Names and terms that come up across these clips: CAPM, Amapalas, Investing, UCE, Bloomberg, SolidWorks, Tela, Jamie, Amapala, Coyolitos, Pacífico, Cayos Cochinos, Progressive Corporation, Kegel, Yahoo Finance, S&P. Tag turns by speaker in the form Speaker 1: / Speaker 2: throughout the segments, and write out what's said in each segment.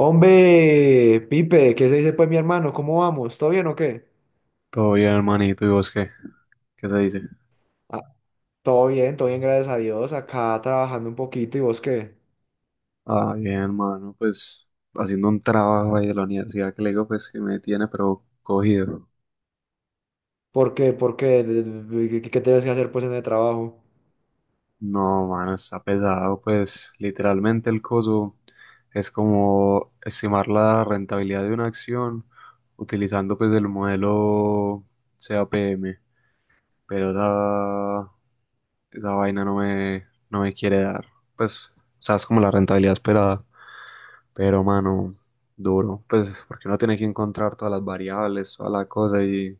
Speaker 1: Hombre, Pipe, ¿qué se dice pues mi hermano? ¿Cómo vamos? ¿Todo bien o qué?
Speaker 2: Todo bien, hermanito, ¿y vos qué? ¿Qué se dice?
Speaker 1: Ah, Todo bien, todo bien, gracias a Dios. Acá trabajando un poquito, ¿y vos qué?
Speaker 2: Ah, bien, hermano, pues haciendo un trabajo ahí de la universidad que le digo, pues que me tiene, pero cogido.
Speaker 1: ¿Por qué? ¿Por qué? Qué tienes que hacer pues en el trabajo?
Speaker 2: No, mano, está pesado, pues literalmente el coso es como estimar la rentabilidad de una acción utilizando pues el modelo CAPM pero esa, esa vaina no me quiere dar, pues, o sea, es como la rentabilidad esperada. Pero, mano, duro, pues porque uno tiene que encontrar todas las variables, toda la cosa y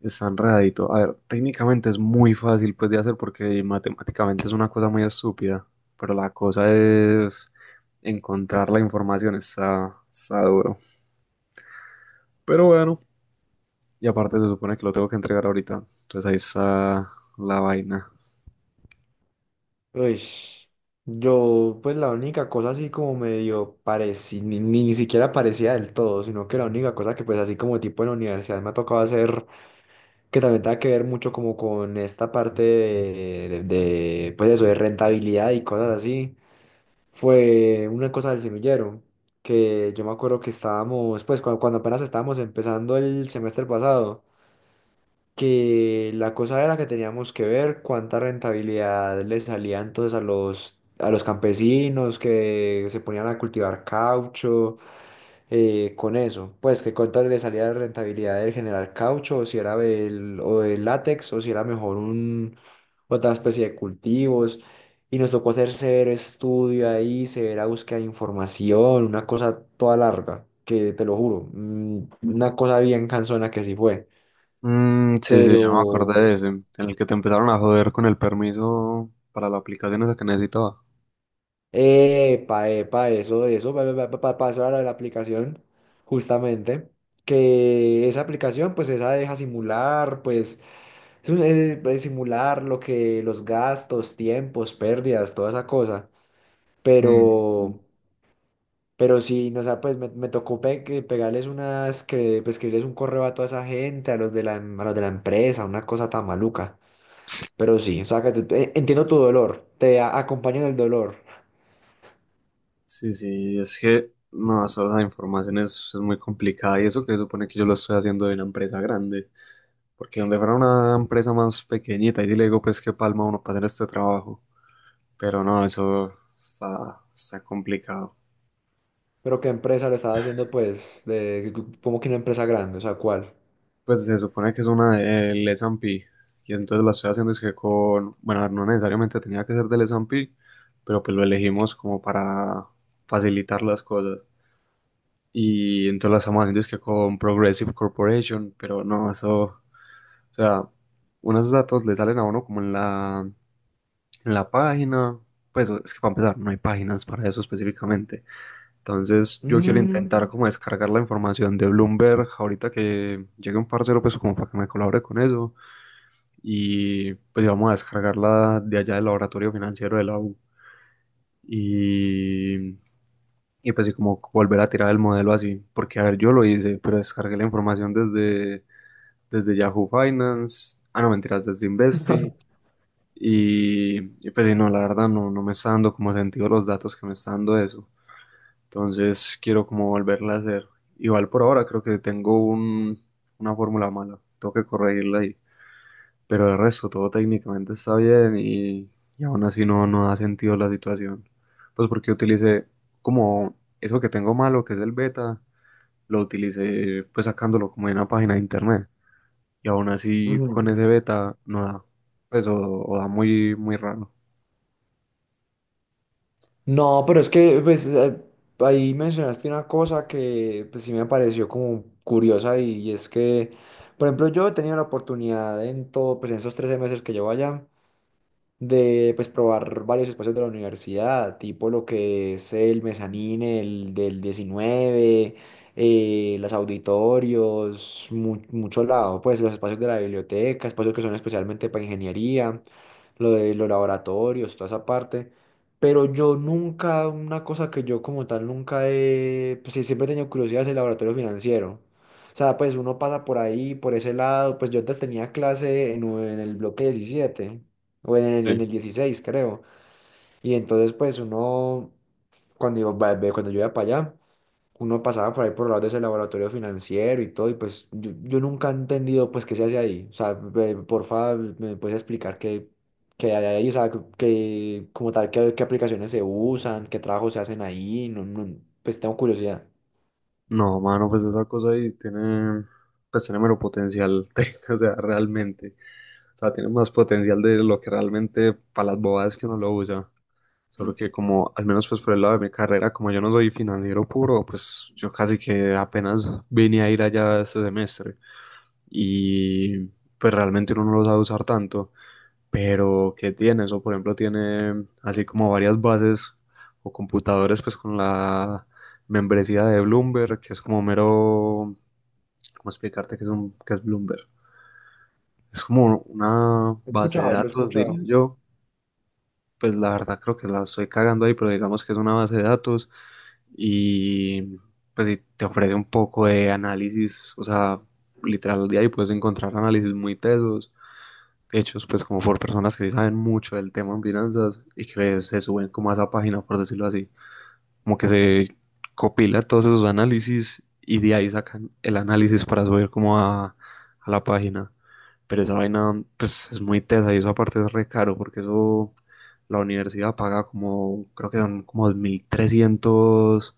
Speaker 2: está enredadito. A ver, técnicamente es muy fácil pues de hacer porque matemáticamente es una cosa muy estúpida, pero la cosa es encontrar la información, está duro. Pero bueno, y aparte se supone que lo tengo que entregar ahorita, entonces ahí está la vaina.
Speaker 1: Uy, yo pues la única cosa así como medio parecía, ni siquiera parecía del todo, sino que la única cosa que pues así como tipo en la universidad me ha tocado hacer, que también tenga que ver mucho como con esta parte pues eso, de rentabilidad y cosas así, fue una cosa del semillero, que yo me acuerdo que estábamos, pues cuando apenas estábamos empezando el semestre pasado, que la cosa era que teníamos que ver cuánta rentabilidad le salía entonces a los campesinos que se ponían a cultivar caucho con eso. Pues que cuánto le salía de rentabilidad del generar caucho, o si era del látex, o si era mejor otra especie de cultivos. Y nos tocó hacer severo estudio ahí, severa búsqueda de información, una cosa toda larga, que te lo juro, una cosa bien cansona que sí fue.
Speaker 2: Mm, sí, sí, ya me
Speaker 1: Pero,
Speaker 2: acordé de ese, en el que te empezaron a joder con el permiso para la aplicación esa que necesitaba.
Speaker 1: epa, epa, eso, pa, pa, pa, pasó a la de la aplicación, justamente, que esa aplicación, pues esa deja simular, pues. Pues, simular lo que los gastos, tiempos, pérdidas, toda esa cosa.
Speaker 2: Mm,
Speaker 1: Pero, pero sí, no, o sea, me tocó pe- que pegarles unas, que, pues, escribirles un correo a toda esa gente, a los de la, a los de la empresa, una cosa tan maluca. Pero sí, o sea, que entiendo tu dolor, te acompaño en el dolor.
Speaker 2: sí, sí, es que no, eso, esa información es muy complicada y eso que se supone que yo lo estoy haciendo de una empresa grande, porque donde fuera una empresa más pequeñita, y sí le digo pues qué palma uno para hacer este trabajo, pero no, eso está complicado.
Speaker 1: Pero ¿qué empresa lo estaba haciendo, pues, de, como que una empresa grande? O sea, ¿cuál?
Speaker 2: Pues se supone que es una del S&P y entonces la estoy haciendo es que con, bueno, a ver, no necesariamente tenía que ser del S&P, pero pues lo elegimos como para facilitar las cosas. Y entonces la estamos haciendo es que con Progressive Corporation, pero no, eso, o sea, unos datos le salen a uno como en la página, pues es que para empezar, no hay páginas para eso específicamente. Entonces yo quiero
Speaker 1: Mm.
Speaker 2: intentar como descargar la información de Bloomberg ahorita que llegue un parcero, pues como para que me colabore con eso, y pues vamos a descargarla de allá del laboratorio financiero de la U. Y Y pues sí, como volver a tirar el modelo así, porque a ver, yo lo hice, pero descargué la información desde Yahoo Finance, ah, no, mentiras, desde Investing, y, y pues sí, no, la verdad no, no me está dando como sentido los datos que me está dando eso. Entonces quiero como volverla a hacer. Igual por ahora creo que tengo una fórmula mala, tengo que corregirla ahí, pero el resto todo técnicamente está bien y aún así no, no da sentido la situación. Pues porque utilicé como eso que tengo malo, que es el beta lo utilicé pues sacándolo como de una página de internet. Y aún así
Speaker 1: Ujú.
Speaker 2: con ese beta no da. Pues o da muy, muy raro.
Speaker 1: No, pero
Speaker 2: Sí.
Speaker 1: es que pues, ahí mencionaste una cosa que pues, sí me pareció como curiosa y es que, por ejemplo, yo he tenido la oportunidad en todo, pues en esos 13 meses que llevo allá, de pues probar varios espacios de la universidad, tipo lo que es el mezanín, el del diecinueve, los auditorios, mucho lado, pues los espacios de la biblioteca, espacios que son especialmente para ingeniería, lo de los laboratorios, toda esa parte. Pero yo nunca, una cosa que yo como tal nunca he, pues sí, siempre he tenido curiosidad es el laboratorio financiero. O sea, pues uno pasa por ahí, por ese lado, pues yo antes tenía clase en el bloque 17 o
Speaker 2: Sí.
Speaker 1: en el 16 creo. Y entonces, pues uno, cuando yo iba para allá, uno pasaba por ahí por el lado de ese laboratorio financiero y todo, y pues yo nunca he entendido, pues, qué se hace ahí. O sea, porfa, ¿me puedes explicar qué, qué hay ahí? O sea, que como tal, qué, qué aplicaciones se usan, qué trabajos se hacen ahí, no, no, pues tengo curiosidad.
Speaker 2: No, mano, pues esa cosa ahí tiene, pues tiene mero potencial, o sea, realmente. O sea, tiene más potencial de lo que realmente para las bobadas que uno lo usa. Solo que como, al menos pues por el lado de mi carrera, como yo no soy financiero puro, pues yo casi que apenas vine a ir allá este semestre. Y pues realmente uno no lo sabe usar tanto. Pero, ¿qué tiene eso? Por ejemplo, tiene así como varias bases o computadores, pues con la membresía de Bloomberg, que es como mero, ¿cómo explicarte qué es Bloomberg? Es como una
Speaker 1: He
Speaker 2: base de
Speaker 1: escuchado, lo he
Speaker 2: datos, diría
Speaker 1: escuchado.
Speaker 2: yo. Pues la verdad creo que la estoy cagando ahí, pero digamos que es una base de datos y pues sí te ofrece un poco de análisis, o sea, literal de ahí puedes encontrar análisis muy tesos hechos pues como por personas que sí saben mucho del tema en finanzas y que se suben como a esa página, por decirlo así, como que se copila todos esos análisis y de ahí sacan el análisis para subir como a la página. Pero esa vaina pues es muy tesa y eso aparte es re caro porque eso la universidad paga como, creo que son como dos mil trescientos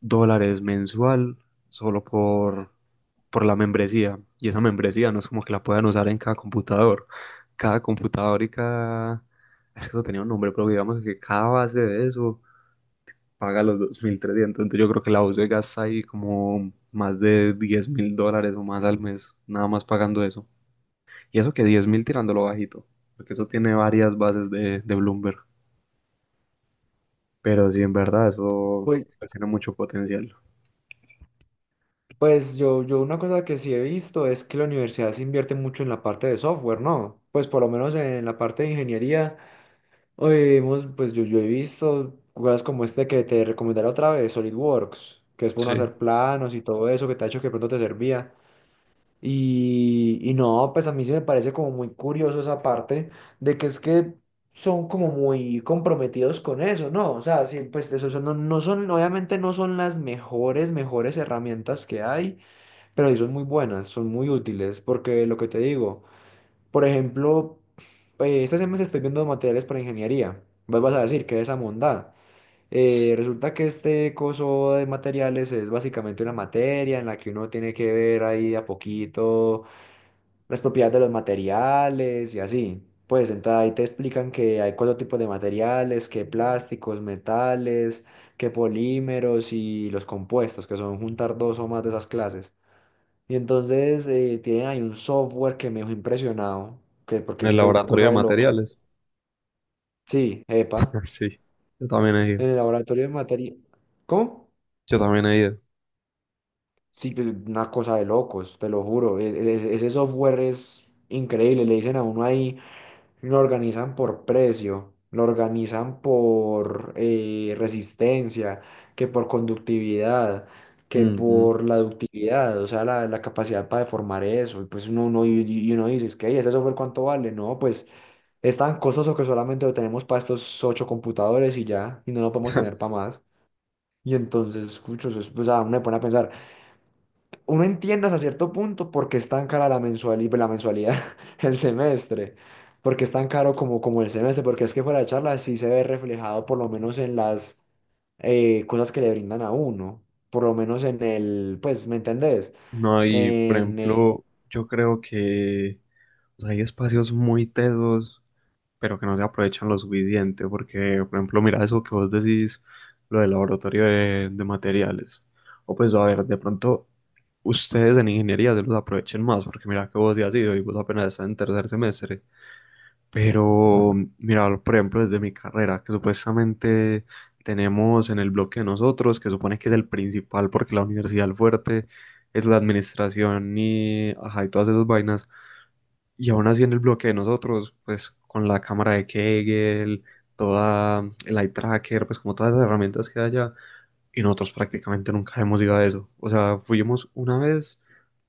Speaker 2: dólares mensual solo por la membresía. Y esa membresía no es como que la puedan usar en cada computador. Cada computador y cada. Es que eso tenía un nombre, pero digamos que cada base de eso paga los 2.300. Entonces yo creo que la UCE gasta ahí como más de 10.000 dólares o más al mes, nada más pagando eso. Y eso que 10.000 tirándolo bajito, porque eso tiene varias bases de Bloomberg. Pero sí, en verdad, eso
Speaker 1: Pues,
Speaker 2: pues, tiene mucho potencial.
Speaker 1: pues yo una cosa que sí he visto es que la universidad se invierte mucho en la parte de software, ¿no? Pues por lo menos en la parte de ingeniería. Hoy vimos, pues yo he visto jugadas como este que te recomendaré otra vez, SolidWorks, que es para uno
Speaker 2: Sí. En
Speaker 1: hacer planos y todo eso que te ha hecho que de pronto te servía. Y no, pues a mí sí me parece como muy curioso esa parte de que es que son como muy comprometidos con eso, ¿no? O sea, sí, pues eso no, no son, obviamente no son las mejores, mejores herramientas que hay, pero sí son muy buenas, son muy útiles, porque lo que te digo. Por ejemplo, esta semana estoy viendo materiales para ingeniería. Vos vas a decir que esa mondada. Resulta que este coso de materiales es básicamente una materia en la que uno tiene que ver ahí de a poquito las propiedades de los materiales y así. Pues entonces ahí te explican que hay cuatro tipos de materiales, que plásticos, metales, que polímeros y los compuestos, que son juntar dos o más de esas clases. Y entonces tienen ahí un software que me dejó impresionado, que, porque es
Speaker 2: el
Speaker 1: en una
Speaker 2: laboratorio de
Speaker 1: cosa de loco.
Speaker 2: materiales.
Speaker 1: Sí, epa,
Speaker 2: Ah, sí, yo también he ido.
Speaker 1: en el laboratorio de materia. ¿Cómo?
Speaker 2: Yo también he ido.
Speaker 1: Sí, pues, una cosa de locos, te lo juro. Ese, ese software es increíble, le dicen a uno ahí, lo organizan por precio, lo organizan por resistencia, que por conductividad, que
Speaker 2: Ujú.
Speaker 1: por la ductividad, o sea, la capacidad para deformar eso. Y pues uno, uno, y uno dice, es que, "Ey, ¿ese software cuánto vale? No, pues... Es tan costoso que solamente lo tenemos para estos ocho computadores y ya, y no lo podemos tener para más." Y entonces, escucho, o sea, uno me pone a pensar, uno entiende hasta cierto punto por qué es tan cara la mensualidad, el semestre, porque es tan caro como, como el semestre, porque es que fuera de charla sí se ve reflejado por lo menos en las cosas que le brindan a uno, por lo menos en el, pues, ¿me entendés?
Speaker 2: No, y por
Speaker 1: En, eh,
Speaker 2: ejemplo, yo creo que o sea, hay espacios muy tesos, pero que no se aprovechan lo suficiente, porque, por ejemplo, mira eso que vos decís, lo del laboratorio de materiales. O pues, a ver, de pronto, ustedes en ingeniería se los aprovechen más, porque mira que vos ya has ido y vos apenas estás en tercer semestre. Pero, mira, por ejemplo, desde mi carrera, que supuestamente tenemos en el bloque de nosotros, que supone que es el principal porque la universidad el fuerte es la administración y, ajá, y todas esas vainas. Y aún así en el bloque de nosotros, pues con la cámara de Kegel, toda el eye tracker, pues como todas esas herramientas que hay allá, y nosotros prácticamente nunca hemos ido a eso. O sea, fuimos una vez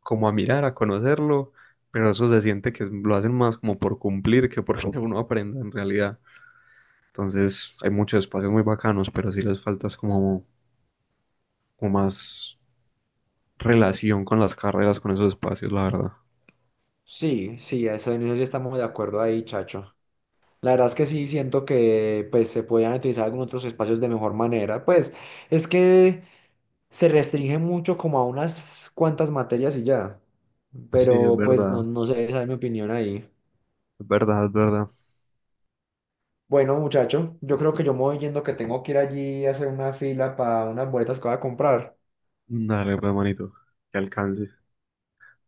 Speaker 2: como a mirar, a conocerlo, pero eso se siente que lo hacen más como por cumplir que porque uno aprenda en realidad. Entonces, hay muchos espacios muy bacanos, pero sí les falta es como, más relación con las carreras, con esos espacios, la verdad.
Speaker 1: sí, sí, eso, en eso sí estamos de acuerdo ahí, chacho. La verdad es que sí, siento que pues, se podían utilizar algunos otros espacios de mejor manera. Pues es que se restringe mucho como a unas cuantas materias y ya.
Speaker 2: Sí, es
Speaker 1: Pero pues
Speaker 2: verdad.
Speaker 1: no, no sé, esa es mi opinión ahí.
Speaker 2: Es verdad, es verdad.
Speaker 1: Bueno, muchacho, yo creo que yo me voy yendo que tengo que ir allí a hacer una fila para unas boletas que voy a comprar.
Speaker 2: Dale, pues, manito, que alcance.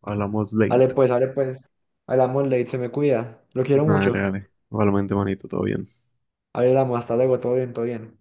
Speaker 2: Hablamos
Speaker 1: Ale
Speaker 2: late.
Speaker 1: pues, ale pues. Hablamos late, se me cuida. Lo quiero
Speaker 2: Dale,
Speaker 1: mucho.
Speaker 2: dale. Igualmente, manito, todo bien.
Speaker 1: Hablamos, hasta luego, todo bien, todo bien.